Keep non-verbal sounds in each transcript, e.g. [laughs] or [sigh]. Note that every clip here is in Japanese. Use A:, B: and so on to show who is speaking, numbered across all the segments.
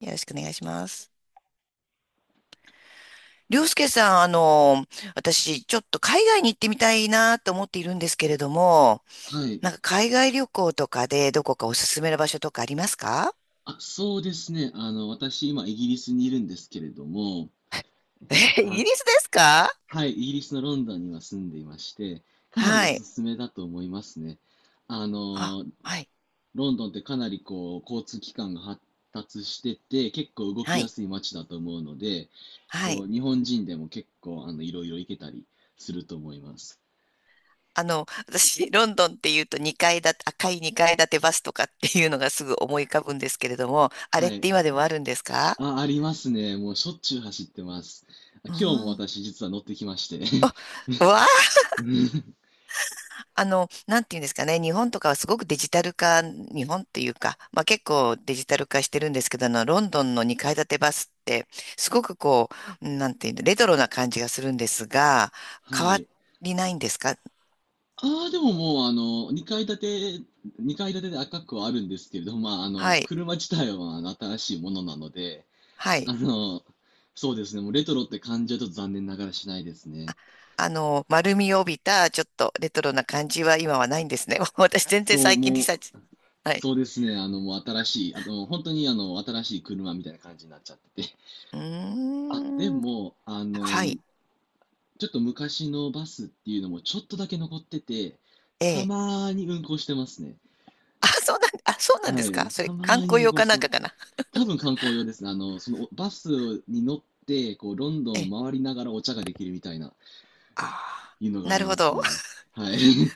A: よろしくお願いします。りょうすけさん、私、ちょっと海外に行ってみたいなと思っているんですけれども、
B: はい。
A: なんか海外旅行とかでどこかおすすめの場所とかありますか？
B: 私、今、イギリスにいるんですけれども、
A: え、[laughs] イ
B: あ、
A: ギリスですか？
B: はい、イギリスのロンドンには住んでいまして、かなり
A: は
B: おす
A: い。
B: すめだと思いますね。あ
A: あ、
B: の、
A: はい。
B: ロンドンってかなりこう、交通機関が発達してて、結構動き
A: は
B: や
A: い。
B: すい街だと思うので、
A: は
B: こ
A: い。
B: う、日本人でも結構、いろいろ行けたりすると思います。
A: 私、ロンドンっていうと2階建赤い2階建てバスとかっていうのがすぐ思い浮かぶんですけれども、あれ
B: は
A: っ
B: い。
A: て今でもあるんですか？
B: あ、ありますね。もうしょっちゅう走ってます。
A: う
B: 今日も
A: ん。
B: 私、実は乗ってきまして。
A: わあ、
B: [laughs]
A: なんていうんですかね、日本とかはすごくデジタル化、日本っていうか、まあ結構デジタル化してるんですけど、ロンドンの2階建てバスって、すごくこう、なんていうの、レトロな感じがするんですが、
B: は
A: 変わ
B: い。
A: りないんですか？
B: ああ、でももう、あの、2階建て、2階建てで赤くはあるんですけれども、まあ、
A: はい、
B: 車自体はまあの新しいものなので、
A: は
B: あ
A: い。
B: の、そうですね、もうレトロって感じはちょっと残念ながらしないですね。
A: 丸みを帯びた、ちょっとレトロな感じは今はないんですね。[laughs] 私全然
B: そう、
A: 最近リ
B: も
A: サーチ。
B: う、
A: はい。
B: そうですね、もう新しい、本当に新しい車みたいな感じになっちゃってて。
A: うー
B: あ、で
A: ん。
B: も、
A: はい。
B: ちょっと昔のバスっていうのもちょっとだけ残ってて、
A: え
B: た
A: え。
B: まーに運行してますね。
A: あ、そうなんで
B: は
A: すか？
B: い、
A: そ
B: た
A: れ、
B: ま
A: 観
B: ーに
A: 光
B: 運
A: 用
B: 行
A: か
B: して
A: なん
B: ま
A: か
B: す。
A: かな。
B: 多分観光用ですね。そのバスに乗って、こう、ロンド
A: え
B: ン
A: え。
B: を回りながらお茶ができるみたいな、
A: あ
B: いうの
A: あ、
B: があ
A: な
B: り
A: る
B: ま
A: ほ
B: す
A: ど。
B: ね。はい。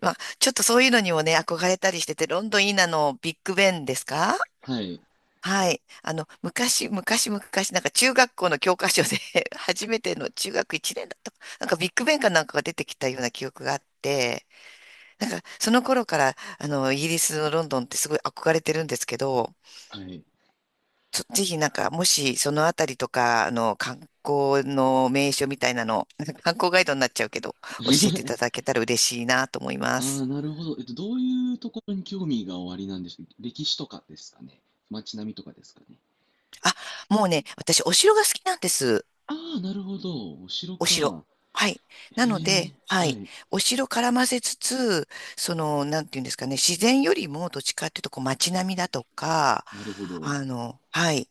A: まあ、ちょっとそういうのにもね、憧れたりしてて、ロンドンいいなのビッグベンですか？
B: [laughs] はい。
A: はい。昔、昔、昔、なんか中学校の教科書で [laughs] 初めての中学1年だったか。なんかビッグベンかなんかが出てきたような記憶があって、なんかその頃から、イギリスのロンドンってすごい憧れてるんですけど、
B: はい。
A: ぜひなんか、もしそのあたりとか、観光の名所みたいなの、[laughs] なんか観光ガイドになっちゃうけど、教えていただ
B: [laughs]
A: けたら嬉しいなと思いま
B: あ
A: す。
B: あ、なるほど。えっと、どういうところに興味がおありなんでしょう。歴史とかですかね。街並みとかですかね。
A: あ、もうね、私、お城が好きなんです。
B: ああ、なるほど。お城
A: お城。
B: か。
A: はい。
B: へ
A: なの
B: え、
A: で、は
B: は
A: い。
B: い。
A: お城絡ませつつ、その、なんていうんですかね、自然よりも、どっちかっていうと、こう、街並みだとか、
B: なるほど。
A: はい。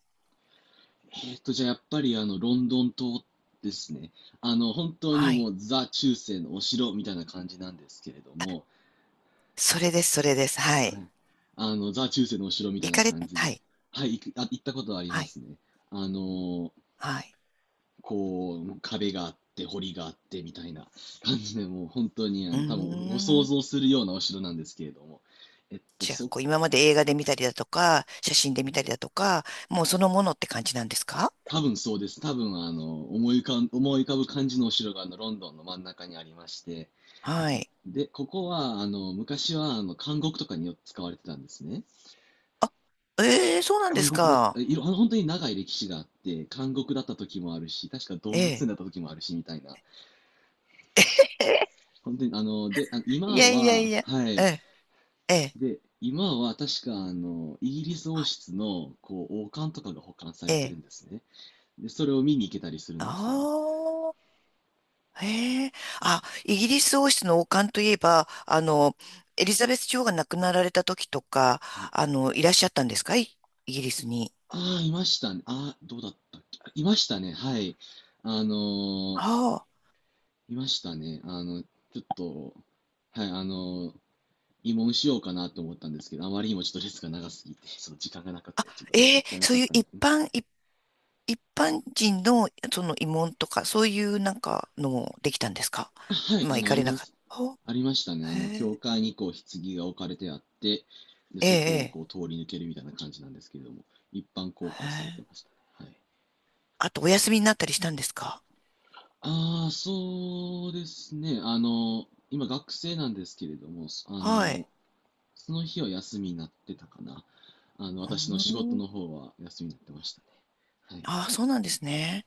B: えっと、じゃあやっぱりロンドン島ですね。本当に
A: は
B: も
A: い。
B: うザ中世のお城みたいな感じなんですけれども、
A: それです、それです。は
B: は
A: い。
B: い。ザ・中世のお城みたい
A: 行
B: な
A: かれ、
B: 感じで。
A: はい。
B: はい、行く、あ、行ったことはあり
A: は
B: ま
A: い。
B: すね。あの、
A: はい。
B: こう、壁があって、堀があって、みたいな感じで、もう本当に、
A: うー
B: 多分ご想
A: ん。
B: 像するようなお城なんですけれども。えっと、
A: じゃあ、
B: そ、
A: こう、今まで映画で見たりだとか、写真で見たりだとか、もうそのものって感じなんですか？
B: 多分そうです。多分、思い浮かぶ感じのお城が、ロンドンの真ん中にありまして。
A: はい。
B: で、ここは、昔は、監獄とかによく使われてたんですね。
A: あ、ええ、そうなんで
B: 監
A: す
B: 獄だった、
A: か。
B: いろ、本当に長い歴史があって、監獄だった時もあるし、確か動物
A: え
B: 園だった時もあるし、みたいな。
A: え。
B: 本当に、あ
A: い
B: 今
A: やいやい
B: は、
A: や、
B: は
A: え
B: い。
A: え、ええ、
B: で、今は確か、イギリス王室の、こう、王冠とかが保管さ
A: え
B: れてる
A: え。
B: んですね。で、それを見に行けたりするんで
A: あ
B: すよ。
A: あ、へえ。あ、イギリス王室の王冠といえば、エリザベス女王が亡くなられた時とか、
B: はい。
A: いらっしゃったんですかい、イギリスに？
B: ああ、いましたね。ああ、どうだったっけ。あいましたね。はい。あのー
A: ああ、
B: いましたね。あの、ちょっと、はい、あのー慰問しようかなと思ったんですけど、あまりにもちょっと列が長すぎて、その時間がなくて、ちょっとも
A: え
B: っ
A: え、
B: たいな
A: そ
B: か
A: う
B: っ
A: いう
B: たんで
A: 一
B: すね。
A: 般、一一般人のその慰問とか、そういうなんかのもできたんですか？
B: あはい、
A: まあ、行か
B: あ
A: れ
B: り
A: な
B: ま
A: かっ
B: す。
A: た。あ、
B: ありましたね。
A: へ
B: 教
A: え、
B: 会にこう、棺が置かれてあって、で、
A: ええ、
B: そこ
A: え
B: を
A: え。
B: こう、通り抜けるみたいな感じなんですけれども、一般公
A: へ
B: 開されて
A: え、
B: ましたね。はい。
A: あと、お休みになったりしたんですか？
B: ああ、そうですね。今学生なんですけれども、
A: はい。
B: その日は休みになってたかな。
A: う
B: 私の仕事
A: ーん。
B: の方は休みになってましたね。
A: ああ、そうなんですね。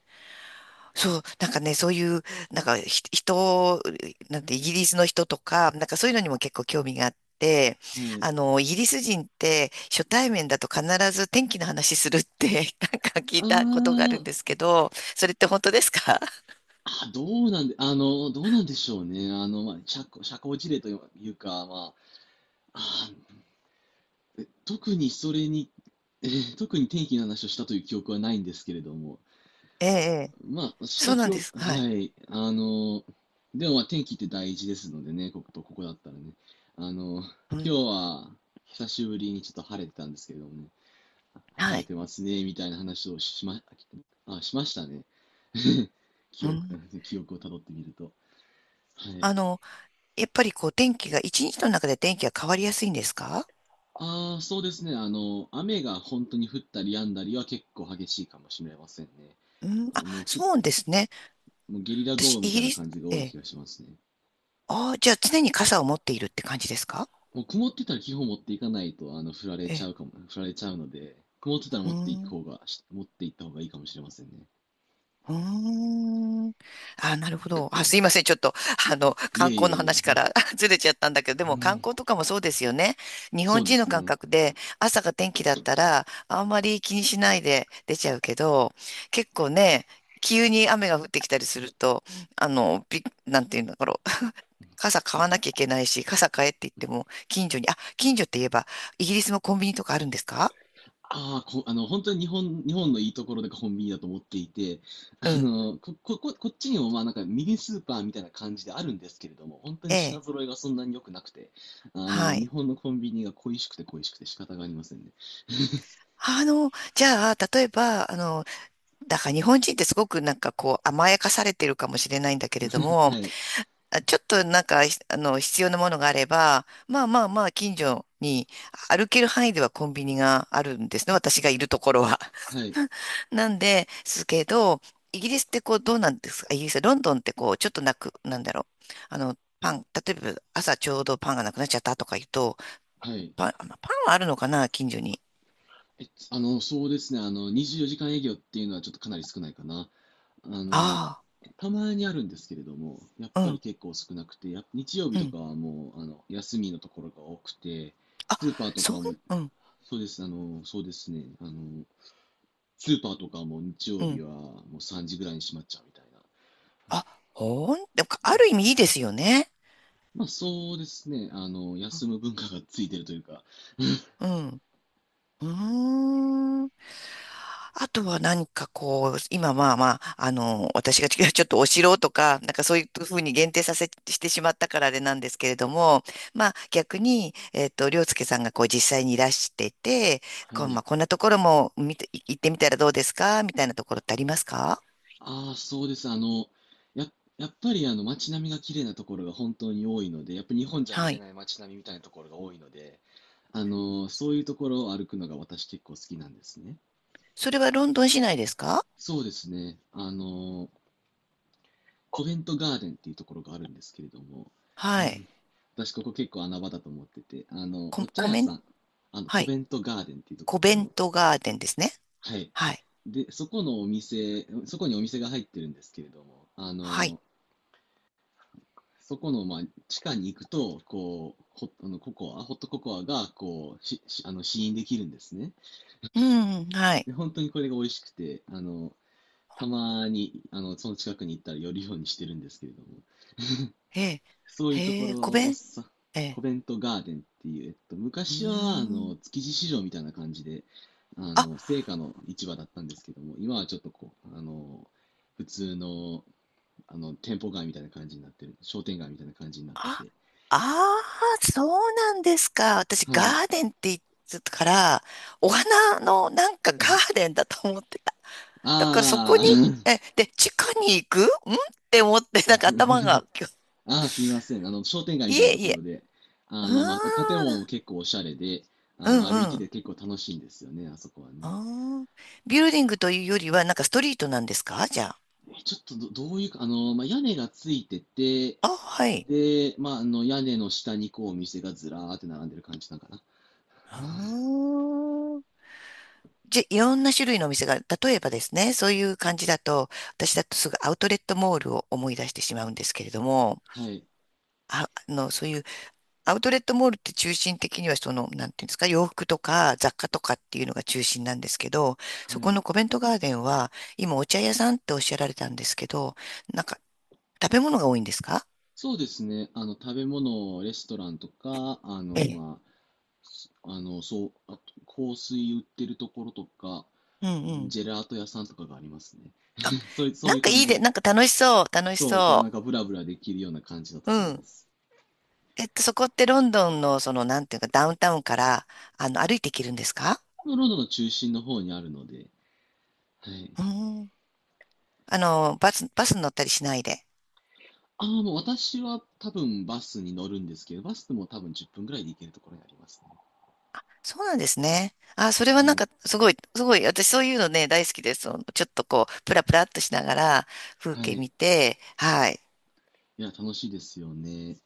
A: そう、なんかね、そういう、なんかひ人、なんてイギリスの人とか、なんかそういうのにも結構興味があって、
B: はい。はい。
A: イギリス人って初対面だと必ず天気の話するって [laughs] なんか聞い
B: ああ、
A: たことがあるんですけど、それって本当ですか？ [laughs]
B: どうなんでしょうね。まあ、社交辞令というか、まあ、あー、特にそれに、えー特に天気の話をしたという記憶はないんですけれども、
A: ええ、ええ、
B: まあ、し
A: そ
B: た
A: うな
B: 記
A: んで
B: 憶、
A: す。は
B: は
A: い。
B: い、あの、でもまあ、天気って大事ですのでね、こことここだったらね。あの、
A: う
B: 今
A: ん、
B: 日は、久しぶりにちょっと晴れてたんですけれどもね、晴
A: は
B: れ
A: い。
B: てますね、みたいな話をしましたね。[laughs] 記
A: う
B: 憶、
A: ん、
B: [laughs] 記憶をたどってみると。はい。
A: あの、やっぱりこう天気が、一日の中で天気が変わりやすいんですか？
B: ああ、そうですね。雨が本当に降ったり止んだりは結構激しいかもしれませんね。
A: うん、
B: あ、
A: あ、
B: もうふ、
A: そうですね。
B: もうゲリラ豪
A: 私、
B: 雨み
A: イ
B: た
A: ギ
B: いな
A: リス、
B: 感じが
A: え
B: 多い気
A: え、
B: がしますね。
A: ああ、じゃあ常に傘を持っているって感じですか？
B: もう曇ってたら基本持っていかないと、
A: ええ、
B: 降られちゃうので、曇ってたら
A: うーん。
B: 持っていった方がいいかもしれませんね。
A: うーん。あ、なるほど。あ、すいません。ちょっと、
B: い
A: 観
B: えい
A: 光
B: え
A: の
B: い
A: 話か
B: え。
A: ら [laughs] ずれちゃったんだけど、で
B: う
A: も観
B: ん、
A: 光とかもそうですよね。日
B: そ
A: 本
B: うで
A: 人の
B: す
A: 感
B: ね。
A: 覚で、朝が天気だったら、あんまり気にしないで出ちゃうけど、結構ね、急に雨が降ってきたりすると、なんていうんだろう。[laughs] 傘買わなきゃいけないし、傘買えって言っても、近所に、あ、近所って言えば、イギリスもコンビニとかあるんですか？
B: ああ、ほ、あの、本当に日本のいいところでコンビニだと思っていて、
A: うん。
B: ここっちにもまあなんかミニスーパーみたいな感じであるんですけれども、本当
A: え
B: に品
A: え。
B: 揃えがそんなに良くなくて、
A: は
B: 日
A: い。
B: 本のコンビニが恋しくて恋しくて仕方がありませんね。
A: じゃあ、例えば、だから日本人ってすごくなんかこう甘やかされてるかもしれないんだけれど
B: [laughs]
A: も、
B: はい、
A: あちょっとなんか、ひあの、必要なものがあれば、まあまあまあ、近所に歩ける範囲ではコンビニがあるんですね。私がいるところは。
B: はい、
A: [laughs] なんで、すけど、イギリスってこうどうなんですか？イギリス、ロンドンってこう、ちょっとなく、なんだろう。パン、例えば朝ちょうどパンがなくなっちゃったとか言うと、
B: はい。
A: パン、あまあパンはあるのかな、近所に。
B: え、あの、そうですね、24時間営業っていうのはちょっとかなり少ないかな。あの、
A: あ
B: たまにあるんですけれども、やっ
A: あ、う
B: ぱり
A: ん。
B: 結構少なくて、日曜日
A: う
B: と
A: ん、
B: かはもう、休みのところが多くて、
A: あ、
B: スーパーとか
A: そん、
B: はも
A: うん、
B: そうです、あの、そうですね。スーパーとかも日
A: う
B: 曜日
A: ん。
B: はもう3時ぐらいに閉まっちゃうみたいな。
A: あ、でも、ある意味いいですよね。
B: まあそうですね。
A: う
B: 休む文化がついてるというか。
A: ん。うん。うーん。あとは何かこう、今まあまあ、私が [laughs] ちょっとお城とか、なんかそういうふうに限定させしてしまったからあれなんですけれども、まあ逆に、りょうすけさんがこう実際にいらしてて、
B: は
A: こう、ま
B: い。
A: あこんなところも見て、行ってみたらどうですかみたいなところってありますか？
B: ああ、そうです。や、やっぱりあの街並みが綺麗なところが本当に多いので、やっぱ日本じゃ見
A: は
B: れ
A: い。
B: ない街並みみたいなところが多いので、そういうところを歩くのが私結構好きなんですね。
A: それはロンドン市内ですか？
B: そうですね。コベントガーデンっていうところがあるんですけれども、
A: はい。
B: 私ここ結構穴場だと思ってて、あの、
A: コ、
B: お茶
A: コ
B: 屋
A: メン、
B: さん、あの、
A: は
B: コ
A: い。
B: ベントガーデンっていうとこ
A: コ
B: ろで、あ
A: ベン
B: の、
A: トガーデンですね。
B: はい。
A: はい。
B: で、そこにお店が入ってるんですけれども、あ
A: はい。
B: の、そこの、まあ、地下に行くと、こう、ホットココアが、こう、あの、試飲できるんですね。
A: うん、はい。
B: で、本当にこれが美味しくて、たまに、その近くに行ったら寄るようにしてるんですけれども。
A: ええ。
B: そういうとこ
A: へえ、コ
B: ろを
A: ベン、
B: さ、
A: え
B: コ
A: え。
B: ベントガーデンっていう、えっと、
A: うー
B: 昔はあの
A: ん。
B: 築地市場みたいな感じで、あ
A: あ、
B: の青果の市場だったんですけども、今はちょっとこう、普通の店舗街みたいな感じになってる、商店街みたいな感じになって
A: あ、
B: て、
A: ああ、そうなんですか。私、
B: はい。
A: ガーデンって言ってたから、お花のなんかガーデンだと思ってた。だからそこ
B: あ
A: に、え、で、地下に行くんって思って、
B: あ、
A: なんか頭が、今日
B: [laughs] ああ、すいません。あの、商店街み
A: い
B: たいな
A: え
B: と
A: い
B: こ
A: え。
B: ろで、
A: う
B: あ
A: ー
B: の、まあ、建物
A: ん、
B: も結構おしゃれで、
A: う
B: あの、
A: ん
B: 歩い
A: う
B: てて
A: ん。
B: 結構楽しいんですよね、あそこは
A: あ
B: ね。
A: ービルディングというよりは、なんかストリートなんですか、じゃあ？
B: ちょっとど、どういうか、あの、まあ、屋根がついてて、
A: あ、はい。
B: で、まあ、あの、屋根の下にこう、お店がずらーって並んでる感じなのかな。
A: うーん、いろんな種類のお店が、例えばですね、そういう感じだと、私だとすぐアウトレットモールを思い出してしまうんですけれども、
B: はい。
A: あ、そういうアウトレットモールって中心的にはその、なんていうんですか、洋服とか雑貨とかっていうのが中心なんですけど、
B: は
A: そこ
B: い。
A: のコメントガーデンは、今お茶屋さんっておっしゃられたんですけど、なんか食べ物が多いんですか？
B: そうですね。あの、食べ物、レストランとか、
A: ええ。
B: あの、そう、あと、香水売ってるところとか、
A: うん
B: う
A: う
B: ん、
A: ん。
B: ジェラート屋さんとかがありますね。
A: あ、
B: [laughs] そういう、そ
A: な
B: うい
A: ん
B: う
A: かい
B: 感
A: い
B: じ
A: で、
B: で。
A: なんか楽しそう、楽し
B: そう、こう、なん
A: そ
B: かブラブラできるような感じのと
A: う。
B: ころ
A: う
B: で
A: ん。
B: す。
A: そこってロンドンの、その、なんていうか、ダウンタウンから、歩いて行けるんですか？
B: ロンドンの中心の方にあるので、はい。
A: うーん。バスに乗ったりしないで。
B: ああ、もう私は多分バスに乗るんですけど、バスでも多分10分ぐらいで行けるところにありますね。
A: そうなんですね。あ、それは
B: は
A: なん
B: い。
A: か、すごい、すごい、私そういうのね、大好きです。そのちょっとこう、プラプラっとしながら、風
B: は
A: 景
B: い。
A: 見て、はい。
B: いや、楽しいですよね。